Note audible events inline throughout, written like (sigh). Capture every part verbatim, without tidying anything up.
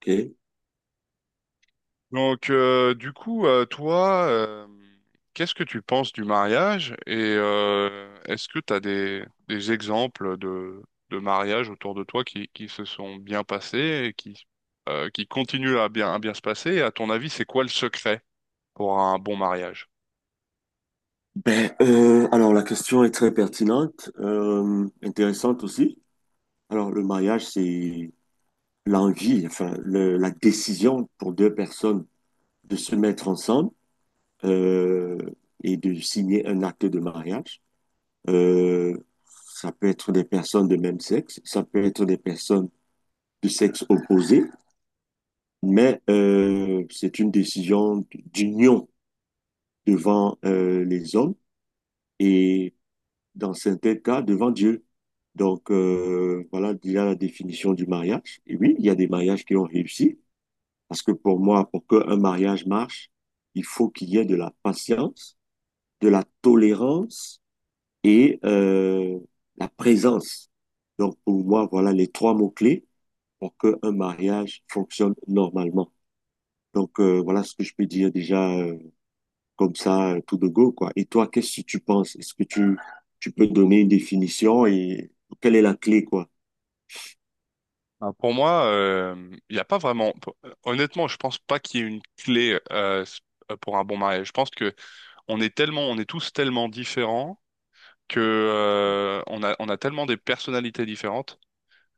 Ok. Donc, euh, du coup, euh, toi, euh, qu'est-ce que tu penses du mariage et euh, est-ce que tu as des, des exemples de, de mariages autour de toi qui, qui se sont bien passés et qui, euh, qui continuent à bien, à bien se passer? Et à ton avis, c'est quoi le secret pour un bon mariage? Ben, euh, alors la question est très pertinente, euh, intéressante aussi. Alors le mariage, c'est l'envie, enfin le- la décision pour deux personnes de se mettre ensemble euh, et de signer un acte de mariage. Euh, Ça peut être des personnes de même sexe, ça peut être des personnes de sexe opposé, mais euh, c'est une décision d'union devant euh, les hommes et dans certains cas devant Dieu. Donc, euh, voilà déjà la définition du mariage. Et oui, il y a des mariages qui ont réussi, parce que pour moi, pour qu'un mariage marche, il faut qu'il y ait de la patience, de la tolérance et euh, la présence. Donc, pour moi, voilà les trois mots-clés pour qu'un mariage fonctionne normalement. Donc, euh, voilà ce que je peux dire déjà euh, comme ça, tout de go, quoi. Et toi, qu'est-ce que tu penses? Est-ce que tu, tu peux donner une définition et quelle est la clé, quoi? Ben, Pour moi, euh, il n'y a pas vraiment. Honnêtement, je pense pas qu'il y ait une clé euh, pour un bon mariage. Je pense que on est tellement, on est tous tellement différents que euh, on a on a tellement des personnalités différentes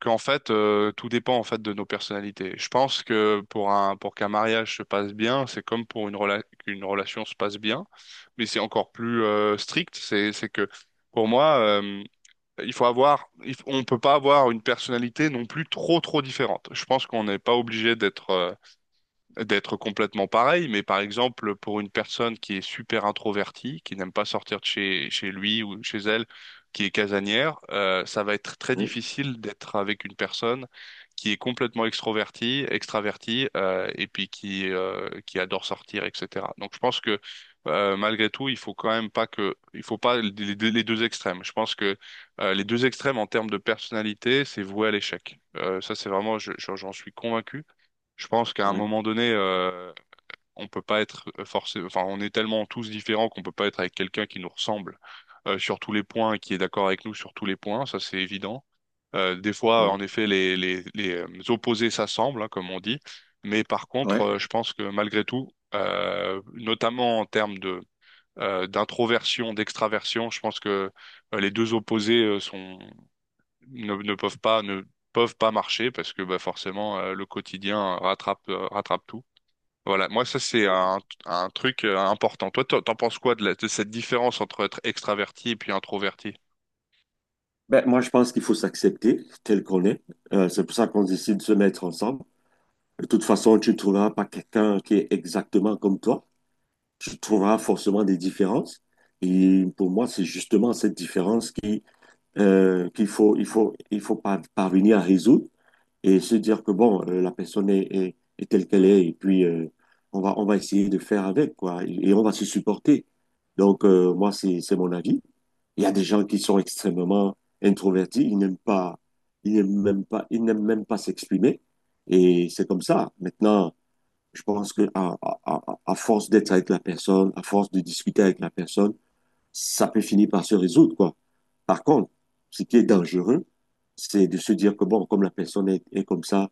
qu'en fait euh, tout dépend en fait de nos personnalités. Je pense que pour un pour qu'un mariage se passe bien, c'est comme pour une rela- qu'une relation se passe bien, mais c'est encore plus euh, strict. C'est c'est que pour moi euh, il faut avoir il f- on peut pas avoir une personnalité non plus trop trop différente. Je pense qu'on n'est pas obligé d'être euh, d'être complètement pareil, mais par exemple, pour une personne qui est super introvertie, qui n'aime pas sortir de chez, chez lui ou chez elle, qui est casanière, euh, ça va être très Ouais, difficile d'être avec une personne qui est complètement extrovertie, extravertie, euh, et puis qui, euh, qui adore sortir, et cetera. Donc je pense que euh, malgré tout, il faut quand même pas que, il faut pas les deux, les deux extrêmes. Je pense que euh, les deux extrêmes en termes de personnalité, c'est voué à l'échec. Euh, ça, c'est vraiment, je- je- j'en suis convaincu. Je pense qu'à un ouais, moment donné, euh, on peut pas être forcé, enfin, on est tellement tous différents qu'on peut pas être avec quelqu'un qui nous ressemble euh, sur tous les points, et qui est d'accord avec nous sur tous les points, ça c'est évident. Euh, des fois, en ouais. effet, les, les, les euh, opposés s'assemblent, hein, comme on dit. Mais par contre, Ouais, euh, je pense que malgré tout, euh, notamment en termes de euh, d'introversion, d'extraversion, je pense que euh, les deux opposés euh, sont ne, ne peuvent pas ne peuvent pas marcher parce que bah, forcément euh, le quotidien rattrape euh, rattrape tout. Voilà, moi ça c'est ouais. un, un truc euh, important. Toi, t'en t'en penses quoi de, la- de cette différence entre être extraverti et puis introverti? Ben, moi, je pense qu'il faut s'accepter tel qu'on est. Euh, c'est pour ça qu'on décide de se mettre ensemble. De toute façon, tu ne trouveras pas quelqu'un qui est exactement comme toi. Tu trouveras forcément des différences. Et pour moi, c'est justement cette différence qui, euh, qu'il faut, il faut, il faut par- parvenir à résoudre, et se dire que bon, euh, la personne est, est, est telle qu'elle est et puis euh, on va, on va essayer de faire avec, quoi, et, et on va se supporter. Donc, euh, moi, c'est, c'est mon avis. Il y a des gens qui sont extrêmement introvertis, ils n'aiment pas, ils n'aiment même pas, ils n'aiment même pas s'exprimer et c'est comme ça. Maintenant, je pense que à, à, à à force d'être avec la personne, à force de discuter avec la personne, ça peut finir par se résoudre, quoi. Par contre, ce qui est dangereux, c'est de se dire que, bon, comme la personne est, est comme ça,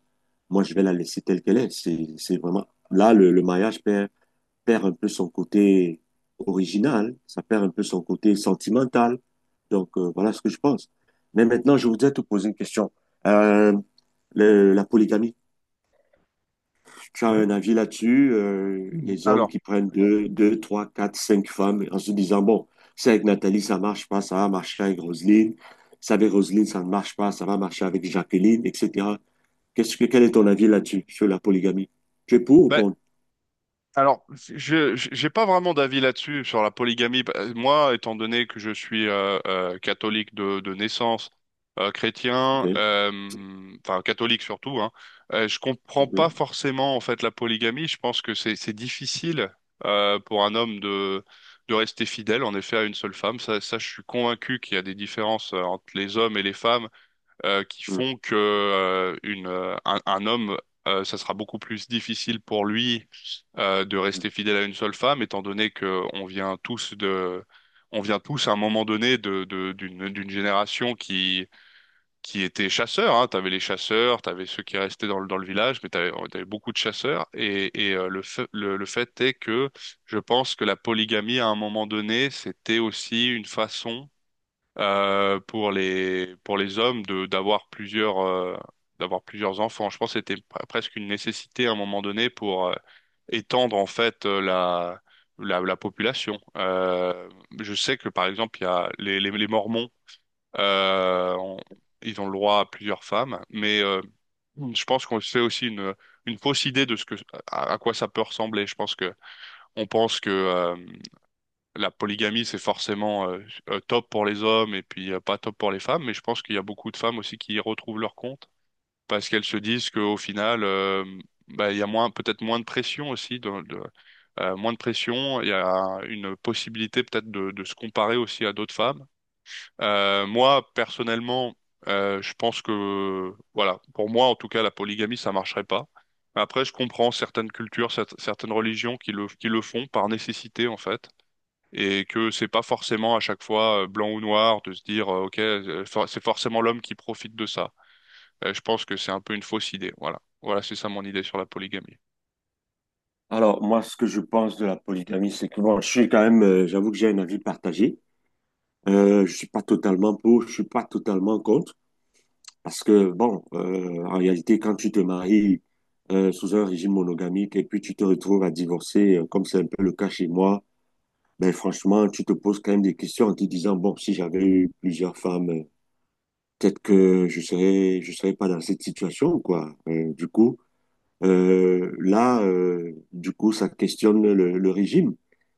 moi, je vais la laisser telle qu'elle est. C'est c'est vraiment... Là, le, le mariage perd, perd un peu son côté original, ça perd un peu son côté sentimental. Donc, euh, voilà ce que je pense. Mais maintenant, je voudrais te poser une question. Euh, le- la polygamie, tu as Ouais. un avis là-dessus, euh, les hommes Alors, qui prennent deux, deux, trois, quatre, cinq femmes en se disant, bon, c'est avec Nathalie, ça marche pas, ça va marcher avec Roselyne, ça avec Roselyne, ça ne marche pas, ça va marcher avec Jacqueline, et cætera. Qu'est-ce que, quel est Mhm. ton avis là-dessus, sur la polygamie? Tu es pour ou Bah, contre? alors, je je- j'ai pas vraiment d'avis là-dessus sur la polygamie. Bah, moi, étant donné que je suis euh, euh, catholique de, de naissance, euh, chrétien, Ok, euh, enfin catholique surtout, hein, euh, je comprends pas ok, forcément en fait la polygamie. Je pense que c'est c'est difficile euh, pour un homme de de rester fidèle en effet à une seule femme. Ça, ça je suis convaincu qu'il y a des différences euh, entre les hommes et les femmes euh, qui hmm. font que euh, une euh, un, un homme euh, ça sera beaucoup plus difficile pour lui euh, de rester fidèle à une seule femme, étant donné que on vient tous de, on vient tous à un moment donné de, de- d'une, d'une génération qui, qui était chasseur, hein. T'avais les chasseurs, t'avais ceux qui restaient dans le, dans le village, mais t'avais, t'avais beaucoup de chasseurs. Et, et euh, le fait, le, le fait est que je pense que la polygamie à un moment donné, c'était aussi une façon euh, pour les pour les hommes de d'avoir plusieurs euh, d'avoir plusieurs enfants. Je pense que c'était pre- presque une nécessité à un moment donné pour euh, étendre en fait euh, la la, la population. Euh, je sais que par exemple il y a les les, les Mormons euh, on- ils ont le droit à plusieurs femmes, mais euh, je pense qu'on se fait aussi une une fausse idée de ce que à, à quoi ça peut ressembler. Je pense que on pense que euh, la polygamie, c'est forcément euh, euh, top pour les hommes et puis euh, pas top pour les femmes, mais je pense qu'il y a beaucoup de femmes aussi qui y retrouvent leur compte parce qu'elles se disent qu'au final, euh, bah, il y a moins, peut-être moins de pression aussi, de, de- euh, moins de pression, il y a une possibilité peut-être de, de se comparer aussi à d'autres femmes. Euh, moi, personnellement, euh, je pense que, voilà, pour moi en tout cas, la polygamie, ça marcherait pas. Après, je comprends certaines cultures, cer- certaines religions qui le, qui le font par nécessité en fait et que c'est pas forcément à chaque fois euh, blanc ou noir de se dire euh, OK, euh, for- c'est forcément l'homme qui profite de ça. Euh, je pense que c'est un peu une fausse idée. Voilà. Voilà, c'est ça mon idée sur la polygamie. Alors, moi, ce que je pense de la polygamie, c'est que bon, je suis quand même, euh, j'avoue que j'ai un avis partagé. Euh, je suis pas totalement pour, je suis pas totalement contre. Parce que, bon, euh, en réalité, quand tu te maries euh, sous un régime monogamique et puis tu te retrouves à divorcer, euh, comme c'est un peu le cas chez moi, ben franchement, tu te poses quand même des questions en te disant, bon, si j'avais eu plusieurs femmes, euh, peut-être que je serais, je serais pas dans cette situation, quoi. Euh, du coup, euh, là, euh, du coup, ça questionne le, le régime.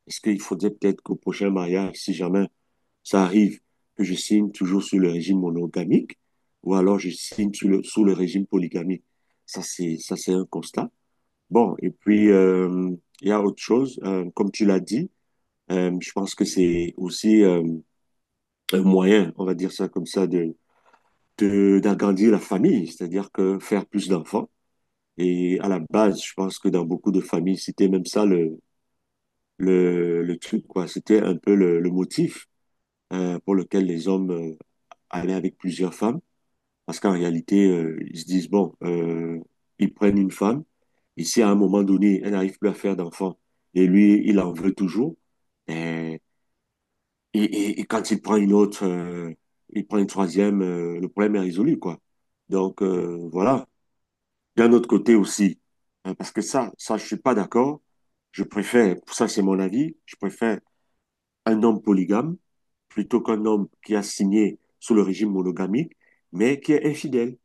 Est-ce qu'il faudrait peut-être qu'au prochain mariage, si jamais ça arrive que je signe toujours sur le régime monogamique ou alors je signe sous le, sous le régime polygamique. Ça, c'est, ça, c'est un constat. Bon, et puis, euh, il y a autre chose. Euh, comme tu l'as dit, euh, je pense que c'est aussi euh, un moyen, on va dire ça comme ça, de, de, d'agrandir la famille, c'est-à-dire que faire plus d'enfants. Et à la base, je pense que dans beaucoup de familles, c'était même ça le, le, le truc, quoi. C'était un peu le, le motif euh, pour lequel les hommes euh, allaient avec plusieurs femmes, parce qu'en réalité, euh, ils se disent, bon, euh, ils prennent une femme, et si à un moment donné, elle n'arrive plus à faire d'enfant, et lui, il en veut toujours, euh, et, et, et quand il prend une autre, euh, il prend une troisième, euh, le problème est résolu, quoi. Donc, euh, voilà. D'un autre côté aussi, hein, parce que ça, ça, je suis pas d'accord. Je préfère, ça c'est mon avis, je préfère un homme polygame plutôt qu'un homme qui a signé sous le régime monogamique, mais qui est infidèle.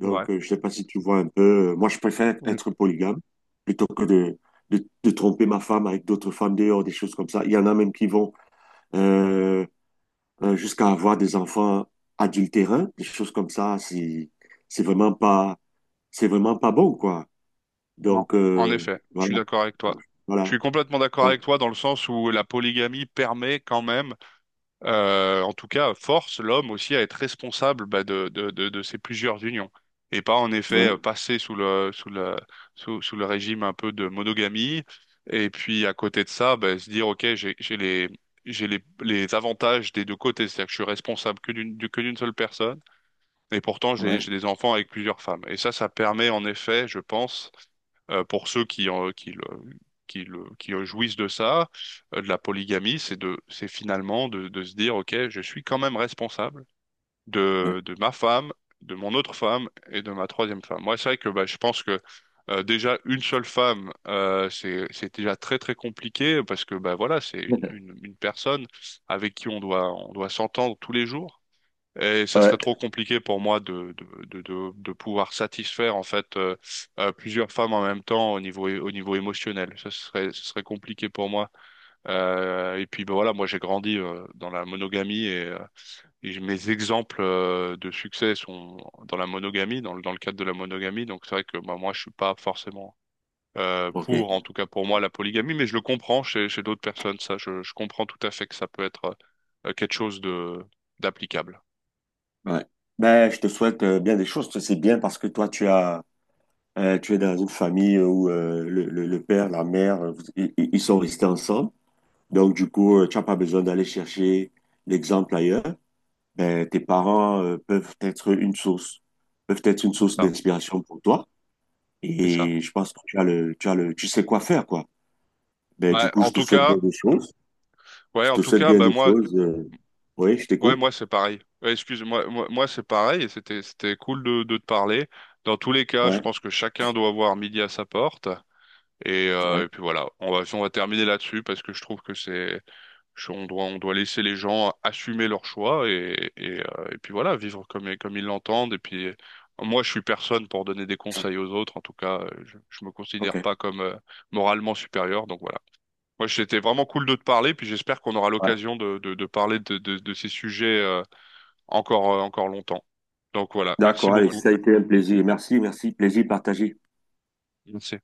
C'est vrai. Donc, euh, je sais pas si tu vois un peu. Euh, moi, je préfère Mm. être polygame plutôt que de, de, de tromper ma femme avec d'autres femmes dehors, des choses comme ça. Il y en a même qui vont euh, euh, jusqu'à avoir des enfants adultérins, des choses comme ça. C'est c'est vraiment pas c'est vraiment pas bon, quoi. Non. Donc En euh, effet, je suis voilà, d'accord avec toi. Je voilà. suis complètement d'accord avec Donc, toi dans le sens où la polygamie permet quand même euh, en tout cas, force l'homme aussi à être responsable bah, de, de, de, de ces plusieurs unions et pas en effet ouais, euh, passer sous le, sous le, sous, sous le régime un peu de monogamie et puis à côté de ça, bah, se dire, OK, j'ai, j'ai les, j'ai les, les avantages des deux côtés, c'est-à-dire que je suis responsable que d'une, du- que d'une seule personne et pourtant j'ai, ouais, j'ai des enfants avec plusieurs femmes. Et ça, ça permet en effet, je pense, euh, pour ceux qui, en- qui, le- qui, le- qui jouissent de ça, euh, de la polygamie, c'est de, c'est finalement de, de se dire, OK, je suis quand même responsable ouais. de, de ma femme, de mon autre femme et de ma troisième femme. Moi, c'est vrai que bah, je pense que euh, déjà une seule femme, euh, c'est, c'est déjà très très compliqué parce que bah, voilà, c'est une, (laughs) une, une personne avec qui on doit, on doit s'entendre tous les jours. Et ça serait Ouais, trop compliqué pour moi de, de, de, de, de pouvoir satisfaire en fait euh, euh, plusieurs femmes en même temps au niveau au niveau émotionnel. Ça serait ce serait compliqué pour moi. Euh, et puis ben voilà, moi j'ai grandi euh, dans la monogamie et, euh, et j- mes exemples euh, de succès sont dans la monogamie, dans le dans le cadre de la monogamie. Donc c'est vrai que bah, moi je suis pas forcément euh, ok. pour, en tout cas pour moi, la polygamie, mais je le comprends chez chez d'autres personnes. Ça, je, je comprends tout à fait que ça peut être euh, quelque chose de d'applicable. Ouais. Ben, je te souhaite euh, bien des choses. C'est bien parce que toi, tu as... Euh, tu es dans une famille où euh, le, le- le père, la mère, euh, vous- ils, ils sont restés ensemble. Donc, du coup, euh, tu n'as pas besoin d'aller chercher l'exemple ailleurs. Ben, tes parents euh, peuvent être une source, peuvent être une C'est source ça, d'inspiration pour toi. c'est ça. Et je pense que tu as le, tu as le, tu sais quoi faire, quoi. Ben, du Ouais, coup, je en te tout souhaite cas, bien des choses. ouais, Je en te tout souhaite cas, bien bah des moi, choses. Euh. Oui, je ouais, t'écoute. moi c'est pareil. Ouais, excuse-moi, moi, moi c'est pareil. Et C'était, c'était cool de, de te parler. Dans tous les cas, je Ouais, pense que chacun doit avoir midi à sa porte. Et, euh, ouais. et puis voilà, on va, on va terminer là-dessus parce que je trouve que c'est, je- on doit, on doit laisser les gens assumer leurs choix et, et, euh, et puis voilà, vivre comme, comme ils l'entendent. Et puis euh, moi, je suis personne pour donner des conseils aux autres. En tout cas, euh, je, je me OK. considère pas comme euh, moralement supérieur. Donc voilà. Moi, c'était vraiment cool de te parler, puis j'espère qu'on aura Ouais. l'occasion de, de, de parler de, de, de ces sujets euh, encore, euh, encore longtemps. Donc voilà, merci D'accord, allez, beaucoup. ça a été un plaisir. Merci, merci. Plaisir partagé. C'est-